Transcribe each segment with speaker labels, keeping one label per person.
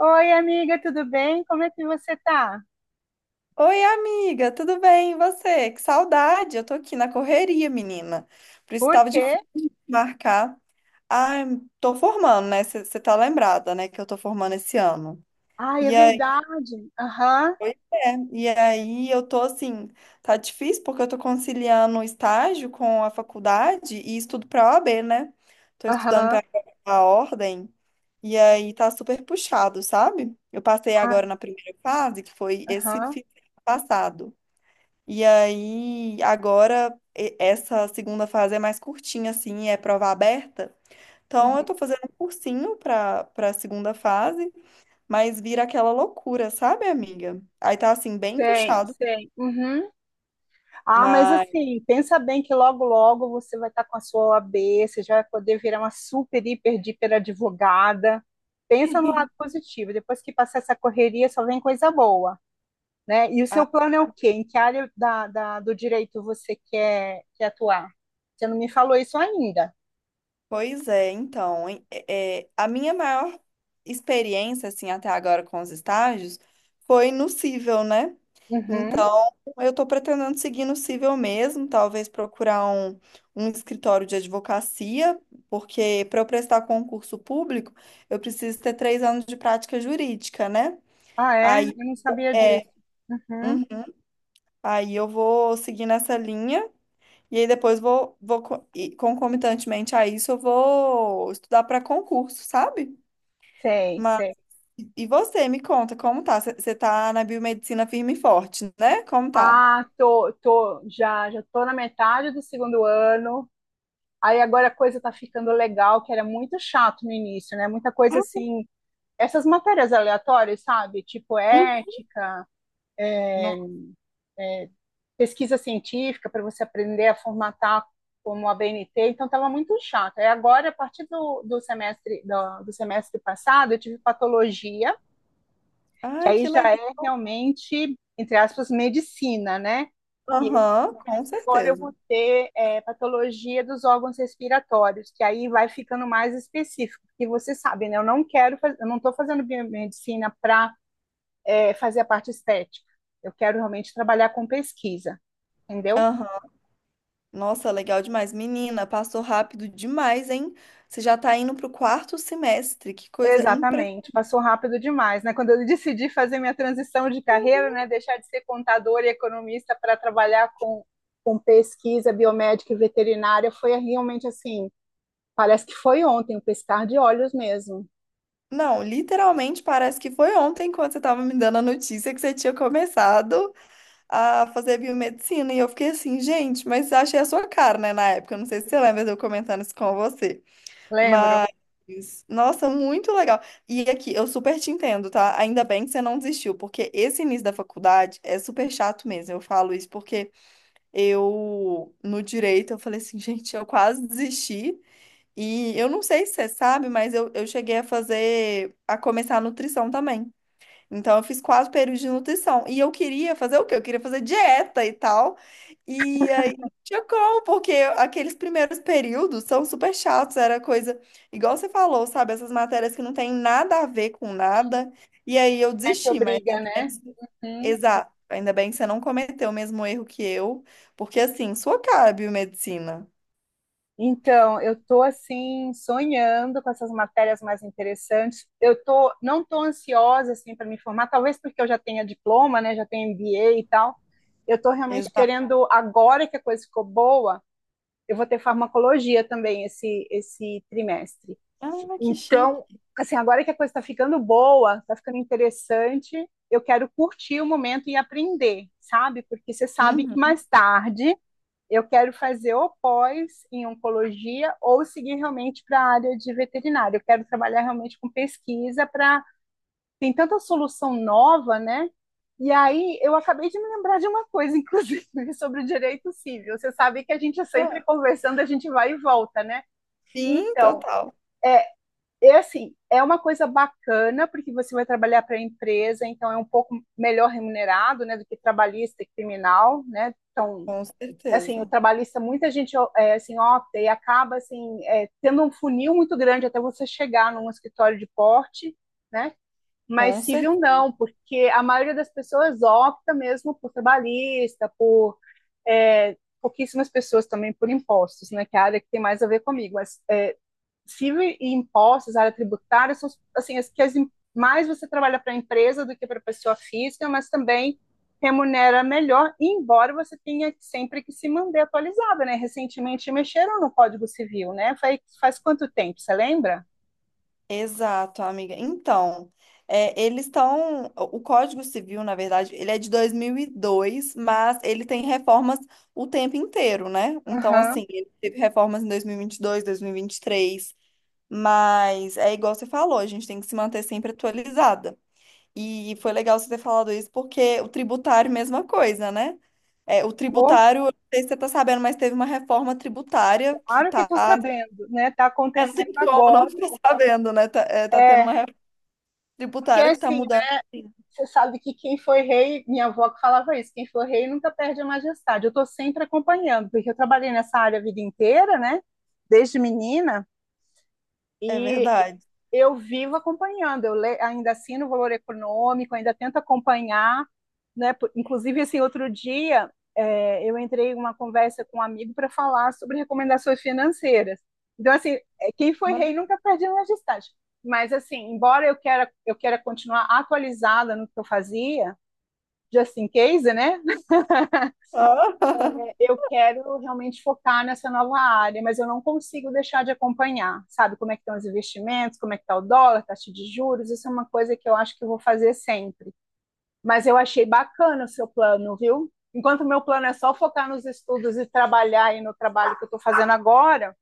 Speaker 1: Oi, amiga, tudo bem? Como é que você tá?
Speaker 2: Oi, amiga, tudo bem? E você? Que saudade! Eu tô aqui na correria, menina. Por isso
Speaker 1: Por
Speaker 2: tava
Speaker 1: quê?
Speaker 2: difícil de marcar. Ah, eu tô formando, né? Você tá lembrada, né? Que eu tô formando esse ano.
Speaker 1: Ai, é
Speaker 2: E aí,
Speaker 1: verdade. Aham,
Speaker 2: pois é. E aí eu tô assim, tá difícil porque eu tô conciliando o estágio com a faculdade e estudo pra OAB, né? Tô estudando
Speaker 1: aham,
Speaker 2: pra a ordem. E aí tá super puxado, sabe? Eu passei
Speaker 1: ai,
Speaker 2: agora na primeira fase, que foi esse
Speaker 1: aham.
Speaker 2: fim de semana passado. E aí, agora, essa segunda fase é mais curtinha, assim, é prova aberta. Então, eu
Speaker 1: Uhum.
Speaker 2: tô fazendo um cursinho pra segunda fase, mas vira aquela loucura, sabe, amiga? Aí tá, assim, bem
Speaker 1: Sei,
Speaker 2: puxado,
Speaker 1: sei. Uhum. Ah, mas
Speaker 2: mas
Speaker 1: assim, pensa bem que logo, logo você vai estar com a sua OAB, você já vai poder virar uma super, hiper, hiper advogada. Pensa no lado positivo. Depois que passar essa correria, só vem coisa boa, né? E o seu plano é o
Speaker 2: Ah,
Speaker 1: quê? Em que área do direito você quer atuar? Você não me falou isso ainda.
Speaker 2: pois é, então, a minha maior experiência, assim, até agora com os estágios foi no Cível, né?
Speaker 1: Uhum.
Speaker 2: Então, eu estou pretendendo seguir no Cível mesmo, talvez procurar um, um escritório de advocacia, porque para eu prestar concurso público, eu preciso ter 3 anos de prática jurídica, né?
Speaker 1: Ah, é?
Speaker 2: Aí,
Speaker 1: Eu não sabia
Speaker 2: é,
Speaker 1: disso. Uhum.
Speaker 2: uhum, aí eu vou seguir nessa linha. E aí depois e concomitantemente a isso, eu vou estudar para concurso, sabe?
Speaker 1: Sei,
Speaker 2: Mas,
Speaker 1: sei.
Speaker 2: e você, me conta, como tá? Você tá na biomedicina firme e forte, né? Como tá?
Speaker 1: Ah, tô, já tô na metade do segundo ano. Aí agora a coisa tá ficando legal, que era muito chato no início, né? Muita coisa assim, essas matérias aleatórias, sabe? Tipo
Speaker 2: Hum.
Speaker 1: ética, é,
Speaker 2: No-
Speaker 1: é, pesquisa científica para você aprender a formatar como a BNT, então estava muito chato. Aí agora, a partir do semestre do semestre passado, eu tive patologia, que
Speaker 2: Ai,
Speaker 1: aí
Speaker 2: que
Speaker 1: já
Speaker 2: legal.
Speaker 1: é realmente, entre aspas, medicina, né? E esse
Speaker 2: Aham, com
Speaker 1: semestre agora eu vou
Speaker 2: certeza.
Speaker 1: ter patologia dos órgãos respiratórios, que aí vai ficando mais específico, porque você sabe, né? Eu não quero, eu não estou fazendo biomedicina para fazer a parte estética. Eu quero realmente trabalhar com pesquisa, entendeu?
Speaker 2: Aham. Nossa, legal demais. Menina, passou rápido demais, hein? Você já tá indo pro quarto semestre. Que coisa impressionante.
Speaker 1: Exatamente, passou rápido demais, né? Quando eu decidi fazer minha transição de carreira, né, deixar de ser contador e economista para trabalhar com pesquisa biomédica e veterinária, foi realmente assim, parece que foi ontem, um piscar de olhos mesmo.
Speaker 2: Não, literalmente parece que foi ontem quando você tava me dando a notícia que você tinha começado a fazer biomedicina. E eu fiquei assim, gente, mas achei a sua cara, né, na época. Eu não sei se você lembra de eu comentando isso com você.
Speaker 1: Lembro,
Speaker 2: Mas, nossa, muito legal. E aqui, eu super te entendo, tá? Ainda bem que você não desistiu, porque esse início da faculdade é super chato mesmo. Eu falo isso porque eu, no direito, eu falei assim, gente, eu quase desisti. E eu não sei se você sabe, mas eu cheguei a fazer, a começar a nutrição também. Então, eu fiz 4 períodos de nutrição. E eu queria fazer o quê? Eu queria fazer dieta e tal. E aí, não tinha como, porque aqueles primeiros períodos são super chatos. Era coisa, igual você falou, sabe? Essas matérias que não tem nada a ver com nada. E aí, eu
Speaker 1: é que
Speaker 2: desisti, mas
Speaker 1: obriga,
Speaker 2: ainda bem
Speaker 1: né?
Speaker 2: que...
Speaker 1: Hum.
Speaker 2: Exato. Ainda bem que você não cometeu o mesmo erro que eu. Porque, assim, sua cara, biomedicina.
Speaker 1: Então, eu estou assim sonhando com essas matérias mais interessantes. Eu tô não estou ansiosa assim para me formar, talvez porque eu já tenha diploma, né? Já tenho MBA e tal. Eu estou realmente
Speaker 2: Exato.
Speaker 1: querendo agora que a coisa ficou boa, eu vou ter farmacologia também esse trimestre.
Speaker 2: Ah, que
Speaker 1: Então,
Speaker 2: chique.
Speaker 1: assim, agora que a coisa está ficando boa, está ficando interessante, eu quero curtir o momento e aprender, sabe? Porque você sabe que
Speaker 2: Uhum.
Speaker 1: mais tarde eu quero fazer ou pós em oncologia ou seguir realmente para a área de veterinária. Eu quero trabalhar realmente com pesquisa, para tem tanta solução nova, né? E aí eu acabei de me lembrar de uma coisa, inclusive, sobre o direito civil. Você sabe que a gente é sempre conversando, a gente vai e volta, né?
Speaker 2: Sim,
Speaker 1: Então,
Speaker 2: total.
Speaker 1: é assim, é uma coisa bacana porque você vai trabalhar para a empresa, então é um pouco melhor remunerado, né, do que trabalhista e criminal, né? Então,
Speaker 2: Com
Speaker 1: assim, o
Speaker 2: certeza.
Speaker 1: trabalhista, muita gente é, assim, opta e acaba assim, é, tendo um funil muito grande até você chegar num escritório de porte, né? Mas
Speaker 2: Com certeza.
Speaker 1: civil não, porque a maioria das pessoas opta mesmo por trabalhista, por é, pouquíssimas pessoas também por impostos, né? Que é a área que tem mais a ver comigo, mas civil e impostos, área tributária, são assim, mais você trabalha para a empresa do que para a pessoa física, mas também remunera melhor, embora você tenha sempre que se manter atualizada, né? Recentemente mexeram no Código Civil, né? Faz quanto tempo, você lembra?
Speaker 2: Exato, amiga. Então, é, eles estão. O Código Civil, na verdade, ele é de 2002, mas ele tem reformas o tempo inteiro, né? Então,
Speaker 1: Aham.
Speaker 2: assim, ele teve reformas em dois mil e vinte e dois, dois mil e vinte e três, mas é igual você falou, a gente tem que se manter sempre atualizada. E foi legal você ter falado isso, porque o tributário, mesma coisa, né? É, o
Speaker 1: Pô,
Speaker 2: tributário, eu não sei se você tá sabendo, mas teve uma reforma tributária que
Speaker 1: claro que
Speaker 2: tá.
Speaker 1: estou sabendo, né? Está
Speaker 2: É, não tem
Speaker 1: acontecendo
Speaker 2: como não
Speaker 1: agora.
Speaker 2: ficar sabendo, né? Tá, é, tá tendo uma
Speaker 1: É, porque
Speaker 2: tributária que tá
Speaker 1: assim,
Speaker 2: mudando. Sim.
Speaker 1: você sabe que quem foi rei, minha avó que falava isso, quem foi rei nunca perde a majestade. Eu estou sempre acompanhando, porque eu trabalhei nessa área a vida inteira, né? Desde menina,
Speaker 2: É
Speaker 1: e
Speaker 2: verdade.
Speaker 1: eu vivo acompanhando. Eu le... ainda assino o Valor Econômico, ainda tento acompanhar, né? Inclusive, assim, outro dia é, eu entrei em uma conversa com um amigo para falar sobre recomendações financeiras. Então, assim, é, quem foi
Speaker 2: Bacana.
Speaker 1: rei nunca perde a majestade. Mas, assim, embora eu queira continuar atualizada no que eu fazia, just in case, né? Eu quero realmente focar nessa nova área, mas eu não consigo deixar de acompanhar, sabe? Como é que estão os investimentos, como é que está o dólar, taxa de juros, isso é uma coisa que eu acho que eu vou fazer sempre. Mas eu achei bacana o seu plano, viu? Enquanto o meu plano é só focar nos estudos e trabalhar aí no trabalho que eu estou fazendo agora,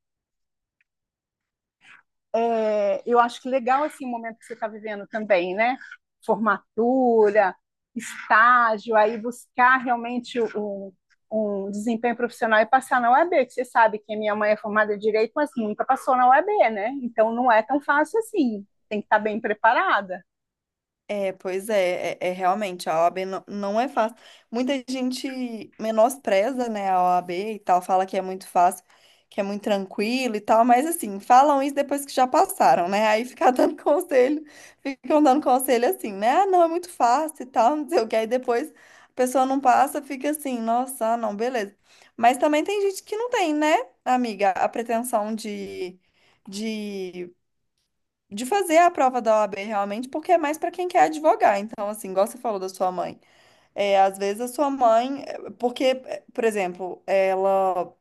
Speaker 1: é, eu acho que legal assim, o momento que você está vivendo também, né? Formatura, estágio, aí buscar realmente um, um desempenho profissional e passar na UAB, que você sabe que a minha mãe é formada em Direito, mas nunca passou na UAB, né? Então não é tão fácil assim, tem que estar bem preparada.
Speaker 2: É, pois é, é, é realmente, a OAB não, não é fácil. Muita gente menospreza, né, a OAB e tal, fala que é muito fácil, que é muito tranquilo e tal, mas assim, falam isso depois que já passaram, né? Aí ficar dando conselho, ficam dando conselho assim, né? Ah, não, é muito fácil e tal, não sei o que. Aí depois a pessoa não passa, fica assim, nossa, ah, não, beleza. Mas também tem gente que não tem, né, amiga, a pretensão de. De de fazer a prova da OAB realmente, porque é mais para quem quer advogar. Então, assim, igual você falou da sua mãe, é, às vezes a sua mãe, é, porque, é, por exemplo, ela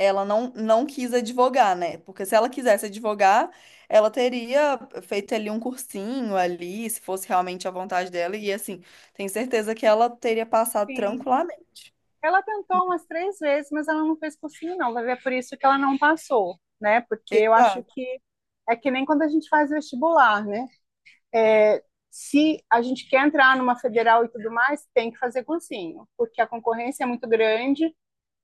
Speaker 2: ela não, não quis advogar, né? Porque se ela quisesse advogar, ela teria feito ali um cursinho ali, se fosse realmente a vontade dela, e assim, tenho certeza que ela teria passado
Speaker 1: Sim,
Speaker 2: tranquilamente.
Speaker 1: ela tentou umas três vezes, mas ela não fez cursinho, não. Vai ver é por isso que ela não passou, né? Porque eu acho
Speaker 2: Exato.
Speaker 1: que é que nem quando a gente faz vestibular, né? É, se a gente quer entrar numa federal e tudo mais, tem que fazer cursinho, porque a concorrência é muito grande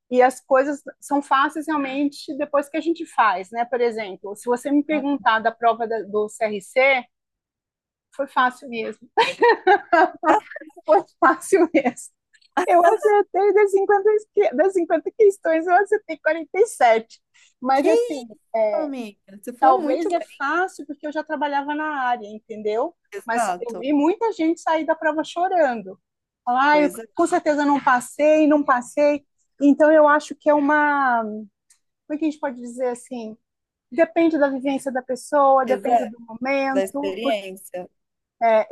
Speaker 1: e as coisas são fáceis realmente depois que a gente faz, né? Por exemplo, se você me perguntar da prova do CRC, foi fácil mesmo, foi fácil mesmo. Eu acertei das 50, das 50 questões, eu acertei 47. Mas,
Speaker 2: Que
Speaker 1: assim,
Speaker 2: isso, amiga? Você foi
Speaker 1: talvez
Speaker 2: muito
Speaker 1: é
Speaker 2: bem.
Speaker 1: fácil porque eu já trabalhava na área, entendeu? Mas eu
Speaker 2: Exato.
Speaker 1: vi muita gente sair da prova chorando. Falar, ah, eu
Speaker 2: Pois é,
Speaker 1: com certeza não passei, não passei. Então eu acho que é uma, como é que a gente pode dizer assim? Depende da vivência da pessoa, depende
Speaker 2: exato.
Speaker 1: do
Speaker 2: Da
Speaker 1: momento,
Speaker 2: experiência.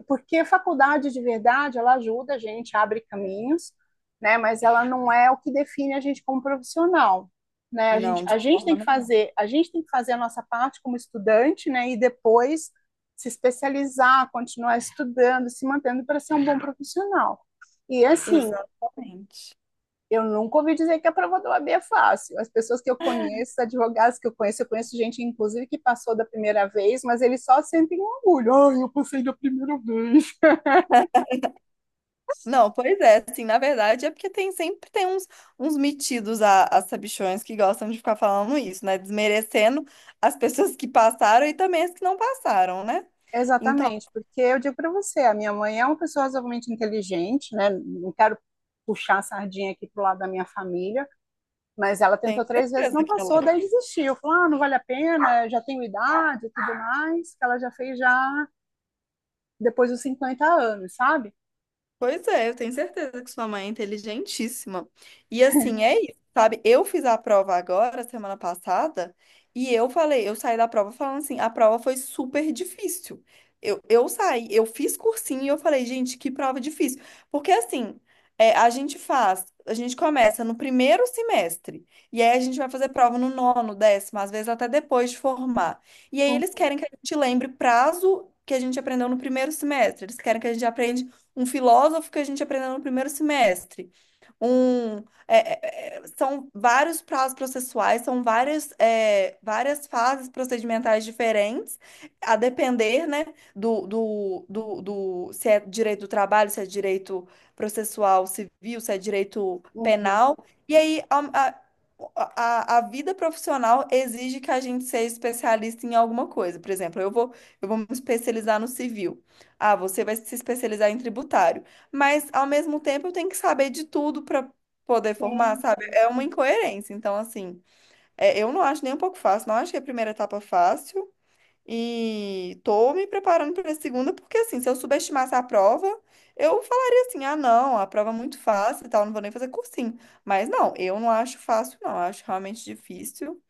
Speaker 1: porque a faculdade de verdade, ela ajuda a gente, abre caminhos, né? Mas ela não é o que define a gente como profissional, né? A gente,
Speaker 2: Não, de
Speaker 1: a gente
Speaker 2: forma
Speaker 1: tem que
Speaker 2: nenhuma.
Speaker 1: fazer, a gente tem que fazer a nossa parte como estudante, né? E depois se especializar, continuar estudando, se mantendo para ser um bom profissional. E assim,
Speaker 2: Exatamente.
Speaker 1: eu nunca ouvi dizer que a prova do AB é fácil. As pessoas que eu conheço, advogados que eu conheço gente, inclusive, que passou da primeira vez, mas eles só sentem um orgulho. Ai, eu passei da primeira vez.
Speaker 2: Não, pois é, assim, na verdade é porque tem sempre tem uns, metidos a sabichões que gostam de ficar falando isso, né? Desmerecendo as pessoas que passaram e também as que não passaram, né? Então,
Speaker 1: Exatamente, porque eu digo para você, a minha mãe é uma pessoa razoavelmente inteligente, né? Não quero puxar a sardinha aqui pro lado da minha família, mas ela
Speaker 2: tenho
Speaker 1: tentou três vezes,
Speaker 2: certeza
Speaker 1: não
Speaker 2: que ela
Speaker 1: passou,
Speaker 2: é.
Speaker 1: daí desistiu. Falou, ah, não vale a pena, eu já tenho idade e tudo mais, que ela já fez já depois dos 50 anos, sabe?
Speaker 2: Pois é, eu tenho certeza que sua mãe é inteligentíssima. E assim, é isso, sabe? Eu fiz a prova agora, semana passada, e eu falei, eu saí da prova falando assim, a prova foi super difícil. Eu saí, eu fiz cursinho e eu falei, gente, que prova difícil. Porque assim, é, a gente faz, a gente começa no primeiro semestre, e aí a gente vai fazer prova no nono, décimo, às vezes até depois de formar. E aí eles
Speaker 1: Uhum,
Speaker 2: querem que a gente lembre prazo que a gente aprendeu no primeiro semestre, eles querem que a gente aprenda um filósofo que a gente aprendeu no primeiro semestre. Um, são vários prazos processuais, são várias, é, várias fases procedimentais diferentes, a depender, né, se é direito do trabalho, se é direito processual civil, se é direito penal.
Speaker 1: uhum.
Speaker 2: E aí, a- a vida profissional exige que a gente seja especialista em alguma coisa. Por exemplo, eu vou me especializar no civil. Ah, você vai se especializar em tributário. Mas, ao mesmo tempo, eu tenho que saber de tudo para poder formar,
Speaker 1: Sim,
Speaker 2: sabe?
Speaker 1: sim.
Speaker 2: É uma
Speaker 1: Uhum.
Speaker 2: incoerência. Então, assim, é, eu não acho nem um pouco fácil. Não achei a primeira etapa fácil. E tô me preparando para a segunda, porque, assim, se eu subestimasse a prova, eu falaria assim: ah, não, a prova é muito fácil e tal, não vou nem fazer cursinho. Mas, não, eu não acho fácil, não. Eu acho realmente difícil.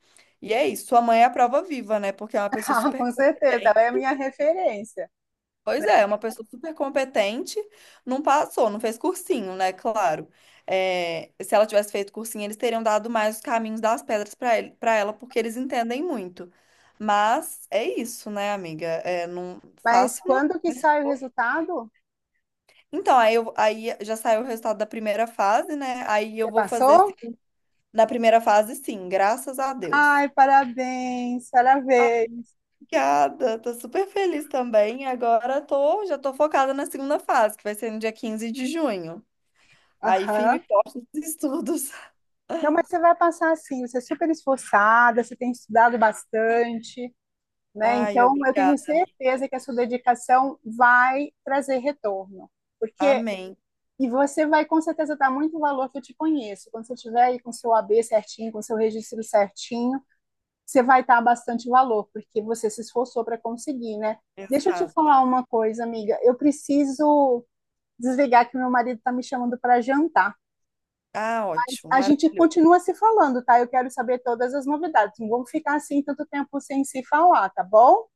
Speaker 2: E é isso. Sua mãe é a prova viva, né? Porque é uma pessoa
Speaker 1: Ah,
Speaker 2: super
Speaker 1: com certeza,
Speaker 2: competente.
Speaker 1: ela é a minha referência,
Speaker 2: Pois
Speaker 1: né?
Speaker 2: é, uma pessoa super competente, não passou, não fez cursinho, né? Claro. É, se ela tivesse feito cursinho, eles teriam dado mais os caminhos das pedras para ele, para ela, porque eles entendem muito. Mas é isso, né, amiga? É, não
Speaker 1: Mas
Speaker 2: fácil não. É.
Speaker 1: quando que sai o resultado?
Speaker 2: Então, aí já saiu o resultado da primeira fase, né? Aí eu
Speaker 1: Você
Speaker 2: vou fazer
Speaker 1: passou?
Speaker 2: assim, na primeira fase, sim, graças a Deus.
Speaker 1: Ai, parabéns,
Speaker 2: Ah,
Speaker 1: parabéns.
Speaker 2: obrigada, tô super feliz também. Agora tô, já tô focada na segunda fase, que vai ser no dia 15 de junho. Aí, firme
Speaker 1: Aham.
Speaker 2: e forte nos estudos.
Speaker 1: Não, mas você vai passar assim, você é super esforçada, você tem estudado bastante, né?
Speaker 2: Ai,
Speaker 1: Então, eu tenho
Speaker 2: obrigada, amiga.
Speaker 1: certeza que a sua dedicação vai trazer retorno. Porque,
Speaker 2: Amém.
Speaker 1: e você vai com certeza dar muito valor, que eu te conheço. Quando você estiver aí com seu AB certinho, com seu registro certinho, você vai dar bastante valor, porque você se esforçou para conseguir, né? Deixa eu te
Speaker 2: Exato.
Speaker 1: falar uma coisa, amiga. Eu preciso desligar, que meu marido está me chamando para jantar.
Speaker 2: Ah, ótimo,
Speaker 1: A gente
Speaker 2: maravilhoso.
Speaker 1: continua se falando, tá? Eu quero saber todas as novidades. Não vamos ficar assim tanto tempo sem se falar, tá bom?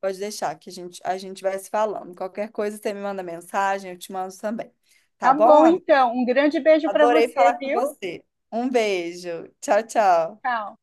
Speaker 2: Pode deixar que a gente vai se falando. Qualquer coisa, você me manda mensagem, eu te mando também. Tá
Speaker 1: Tá
Speaker 2: bom,
Speaker 1: bom,
Speaker 2: amiga?
Speaker 1: então. Um grande beijo para
Speaker 2: Adorei
Speaker 1: você,
Speaker 2: falar com
Speaker 1: viu?
Speaker 2: você. Um beijo. Tchau, tchau.
Speaker 1: Tchau.